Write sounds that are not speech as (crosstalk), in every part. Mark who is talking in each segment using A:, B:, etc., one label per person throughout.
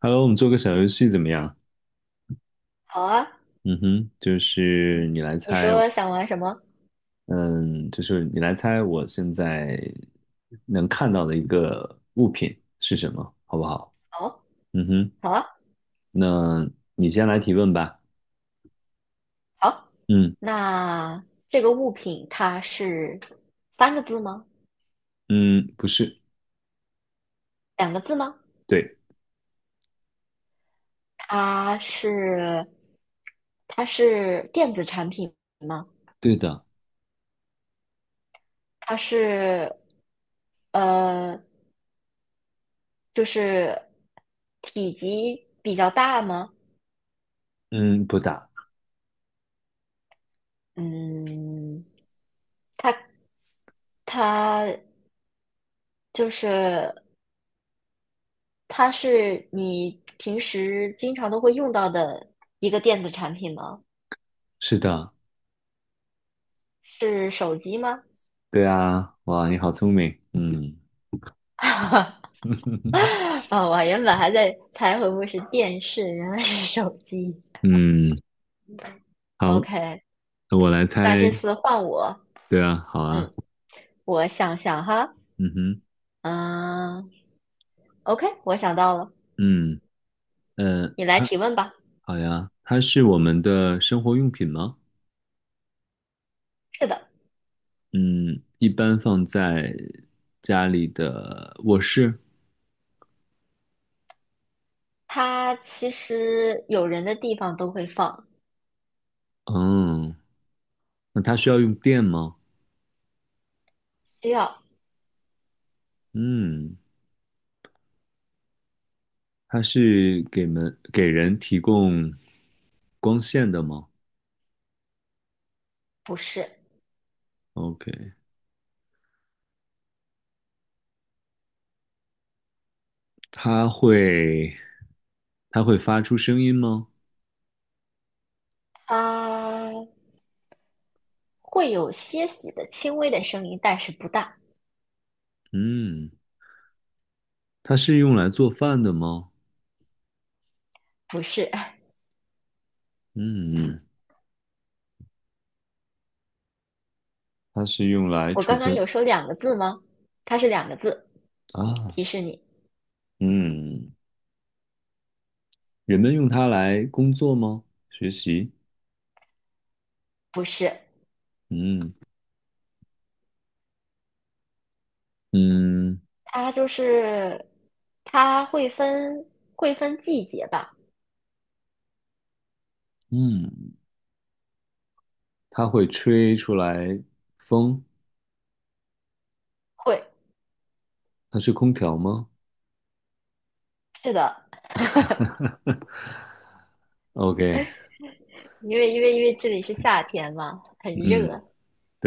A: Hello，我们做个小游戏怎么样？
B: 好啊，
A: 嗯哼，就是你来
B: 你
A: 猜，
B: 说想玩什么？
A: 嗯，就是你来猜我现在能看到的一个物品是什么，好不好？
B: 好，
A: 嗯哼，
B: 好啊，
A: 那你先来提问吧。
B: 好。
A: 嗯
B: 那这个物品它是三个字吗？
A: 嗯，不是，
B: 两个字吗？
A: 对
B: 它是它是电子产品吗？
A: 对的，
B: 它是呃，就是体积比较大吗？
A: 嗯，不打，
B: 嗯，它它就是它是你平时经常都会用到的一个电子产品吗？
A: 是的，
B: 是手机吗？
A: 对啊，哇，你好聪明，嗯。
B: (laughs)
A: (laughs)
B: 哦，我原本还在猜会不会是电视，原来是手机。
A: 嗯，好，
B: OK,
A: 那我来
B: 那这
A: 猜，
B: 次换我，
A: 对啊，好啊，
B: 嗯，我想想哈，
A: 嗯哼，
B: 嗯，OK,我想到了，
A: 嗯呃。
B: 你来提问吧。
A: 好呀，它是我们的生活用品吗？
B: 是的，
A: 嗯，一般放在家里的卧室。
B: 它其实有人的地方都会放，
A: 嗯，那它需要用电吗？
B: 需要，
A: 嗯，它是给人提供光线的吗
B: 不是，
A: ？OK，它会它会发出声音吗？
B: 它会有些许的轻微的声音，但是不大，
A: 嗯，它是用来做饭的吗？
B: 不是。(laughs)
A: 嗯，它是用来
B: 我
A: 储
B: 刚刚
A: 存
B: 有说两个字吗？它是两个字，
A: 啊。
B: 提示你，
A: 嗯，人们用它来工作吗？学习？
B: 不是。
A: 嗯嗯
B: 它就是它会分季节吧，
A: 嗯，它会吹出来风，
B: 会，
A: 它是空调吗
B: 是的，
A: ？OK，
B: 因为这里是夏天嘛，很热，
A: 嗯，
B: 然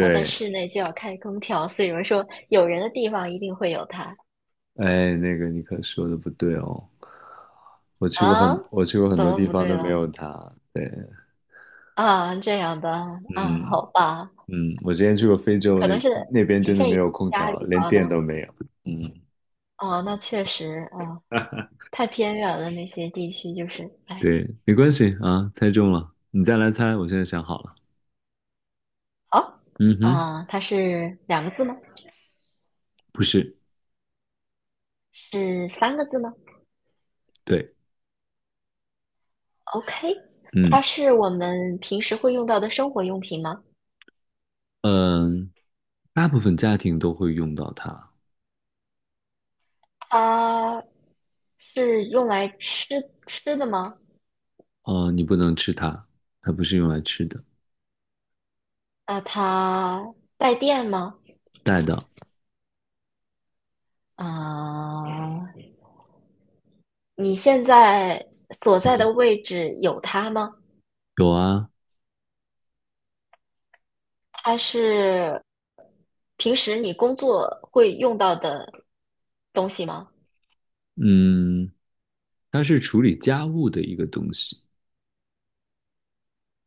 B: 后在室内就要开空调，所以有人说有人的地方一定会有它
A: 哎，那个你可说的不对哦，
B: 啊，
A: 我去过很
B: 怎
A: 多
B: 么
A: 地
B: 不
A: 方
B: 对
A: 都没
B: 了
A: 有它，对，
B: 啊？这样的啊，
A: 嗯
B: 好吧，
A: 嗯，我之前去过非洲
B: 可能
A: 那
B: 是
A: 那边
B: 仅
A: 真的
B: 限
A: 没
B: 于
A: 有空
B: 家
A: 调，
B: 里
A: 连
B: 吧那
A: 电都没有，嗯，
B: 啊，那确实啊，太偏远了那些地区就是，哎，
A: 对，没关系啊，猜中了，你再来猜，我现在想好了，
B: 好
A: 嗯哼，
B: 啊，它是两个字吗？
A: 不是，
B: 是三个字吗？
A: 对。
B: OK,它
A: 嗯。
B: 是我们平时会用到的生活用品吗？
A: 嗯，大部分家庭都会用到它。
B: 它是用来吃的吗？
A: 哦，你不能吃它，它不是用来吃的。
B: 那它带电吗？
A: 带的
B: 啊、你现在所在的位置有它吗？
A: 有啊，
B: 它是平时你工作会用到的东西吗？
A: 嗯，它是处理家务的一个东西，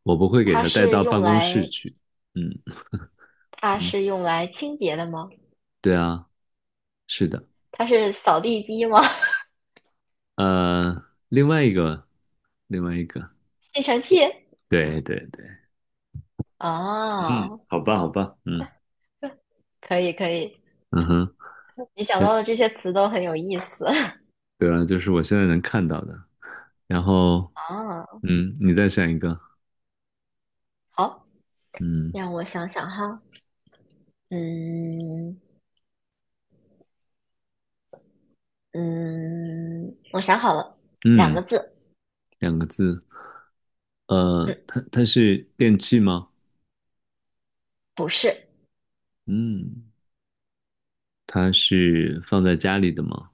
A: 我不会给
B: 它
A: 它带
B: 是
A: 到
B: 用
A: 办公室
B: 来
A: 去。嗯
B: 它
A: 嗯，
B: 是用来清洁的吗？
A: 对啊，是的。
B: 它是扫地机吗？
A: 另外一个，另外一个，
B: (laughs) 吸尘器？
A: 对对对，
B: 啊，
A: 嗯，好吧好吧，嗯
B: 可以可以，
A: 嗯哼，
B: 你想
A: 哎，
B: 到的这些词都很有意思
A: 对啊，就是我现在能看到的。然后，
B: (laughs) 啊。
A: 嗯，你再选一个，
B: 好，
A: 嗯
B: 让我想想哈，嗯嗯，我想好了，两
A: 嗯，
B: 个字，
A: 两个字。
B: 嗯，
A: 它是电器吗？
B: 不是，
A: 嗯，它是放在家里的吗？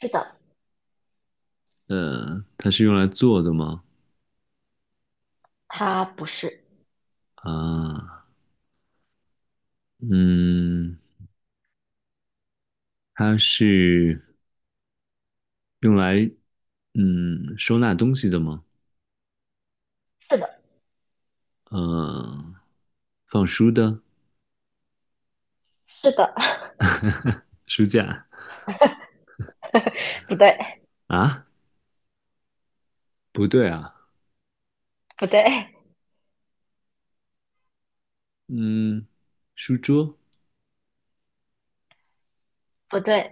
B: 是的，
A: 它是用来做的吗？
B: 它不是，
A: 啊，嗯，它是用来收纳东西的吗？
B: 是的，
A: 呃，放书的
B: 是的，
A: 书架
B: (laughs) 不对，
A: 啊？不对啊，
B: 不对，
A: 嗯，书桌，
B: 不对，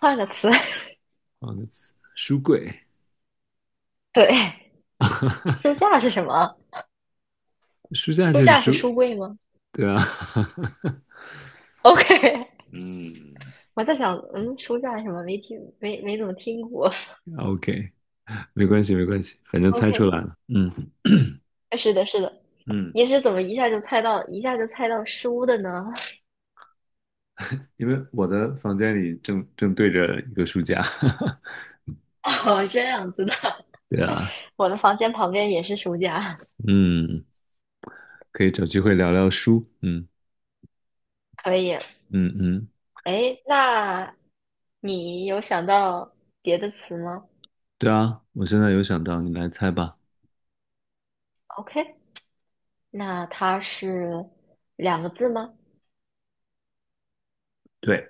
B: 换个词，
A: 换个词，书柜，
B: (laughs) 对，书架是什么？
A: 书架
B: 书
A: 就是
B: 架是
A: 书，
B: 书柜吗
A: 对啊，(laughs)
B: ？OK,
A: 嗯
B: (laughs) 我在想，嗯，书架是什么？没怎么听过。
A: ，OK,没关系没关系，反正
B: (laughs)
A: 猜出
B: OK,
A: 来了，嗯。
B: 是的，是的，
A: 嗯，
B: 你是怎么，一下就猜到书的呢？
A: 因为我的房间里正对着一个书架，(laughs)
B: 哦，这样子的，
A: 对啊，
B: 我的房间旁边也是书架，
A: 嗯，可以找机会聊聊书，嗯
B: 可以。
A: 嗯嗯，
B: 哎，那你有想到别的词吗
A: 对啊，我现在有想到，你来猜吧。
B: ？OK,那它是两个字吗？
A: 对，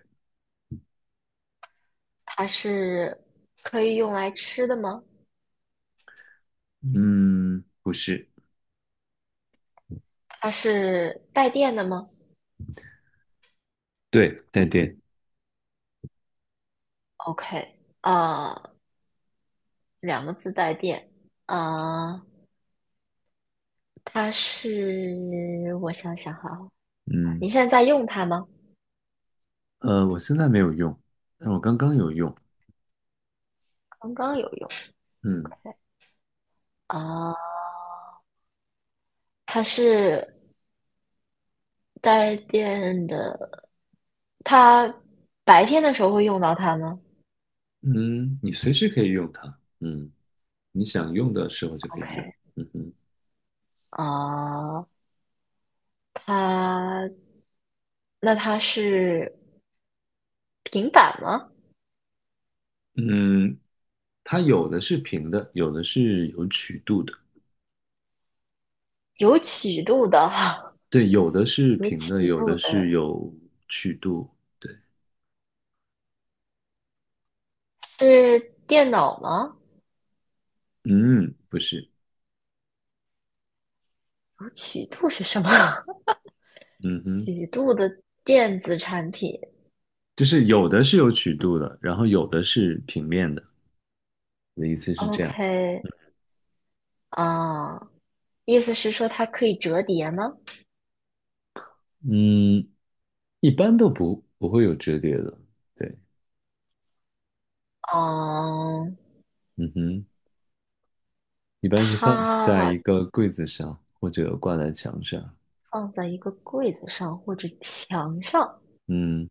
B: 它是可以用来吃的吗？
A: 嗯，不是，
B: 它是带电的吗
A: 对，带电，
B: ？OK,两个字带电。呃，它是我想想哈，
A: 嗯，
B: 你现在在用它吗？
A: 我现在没有用，但我刚刚有用，
B: 刚刚有用。
A: 嗯
B: 啊、它是带电的，它白天的时候会用到它吗
A: 嗯，你随时可以用它，嗯，你想用的时候就可以用，
B: ？OK,
A: 嗯哼，
B: 啊、它那它是平板吗？
A: 嗯，它有的是平的，有的是有曲度的，
B: 有曲度的，
A: 对，有的是
B: (laughs) 有
A: 平的，
B: 曲
A: 有
B: 度
A: 的是
B: 的
A: 有曲度。对，
B: 是电脑吗？
A: 嗯，不是，
B: 有曲度是什么？(laughs)
A: 嗯哼，
B: 曲度的电子产品。
A: 就是有的是有曲度的，然后有的是平面的。我的意思是这样，
B: OK,啊、意思是说它可以折叠吗？
A: 嗯，一般都不会有折叠的。对，
B: 嗯，
A: 嗯哼，一般是放在
B: 它
A: 一个柜子上或者挂在墙上。
B: 放在一个柜子上或者墙上。
A: 嗯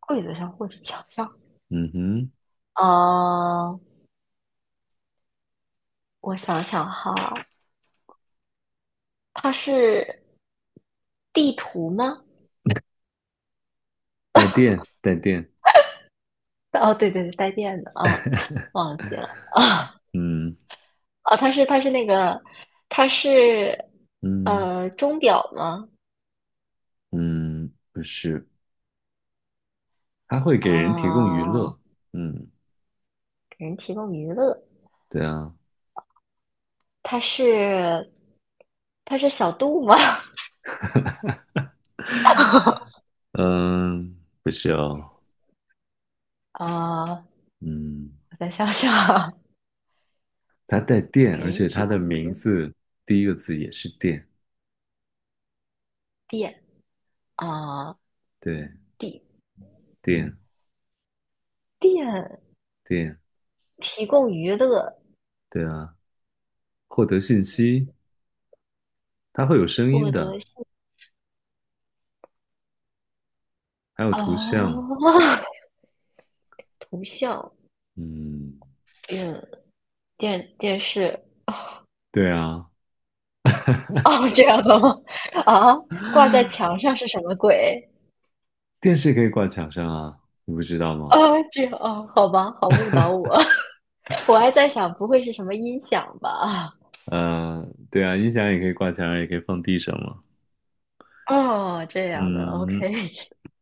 B: 柜子上或者墙上。
A: 嗯哼，
B: 呃，我想想哈，它是地图吗？
A: 带电带电。
B: 哦，对对对，带电的啊，
A: (laughs)
B: 忘记了
A: 嗯
B: 啊，它是
A: 嗯
B: 钟表吗？
A: 嗯，不是，它会给人提供娱
B: 啊，
A: 乐。嗯，
B: 给人提供娱乐，
A: 对啊。
B: 它是它是小度吗？(laughs)
A: 嗯，不是哦，
B: 啊，
A: 嗯，
B: 我再想想啊，
A: 它带电，
B: 给
A: 而
B: 人
A: 且它
B: 提
A: 的
B: 供
A: 名
B: 娱乐
A: 字第一个字也是电，
B: 电啊，
A: 对，
B: 电
A: 电
B: 电
A: 电，
B: 提供娱乐，
A: 对啊，获得信息，它会有声音
B: 获得
A: 的，还有图像，
B: 哦，(laughs) 图像，
A: 嗯，
B: 嗯，电电视，
A: 对啊，
B: 哦，这样的吗？啊，挂在墙上是什么鬼？
A: 电视可以挂墙上啊，你不知道
B: 啊，
A: 吗？
B: 这样哦，好吧，好误导我，(laughs) 我还在想，不会是什么音响吧？
A: 对啊，音响也可以挂墙上，也可以放地上嘛，
B: 哦，这样的
A: 嗯
B: ，OK,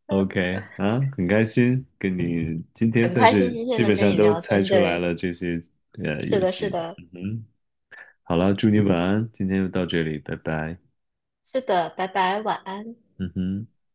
A: ，OK 啊，很开心跟你今天
B: 很
A: 算
B: 开心
A: 是
B: 今天
A: 基本
B: 能跟
A: 上
B: 你
A: 都
B: 聊
A: 猜
B: 天，
A: 出来
B: 对，
A: 了这些
B: 是
A: 游
B: 的，是
A: 戏，
B: 的，
A: 嗯哼。好了，祝你晚安，今天就到这里，拜拜。
B: 是的，拜拜，晚安。
A: 嗯哼。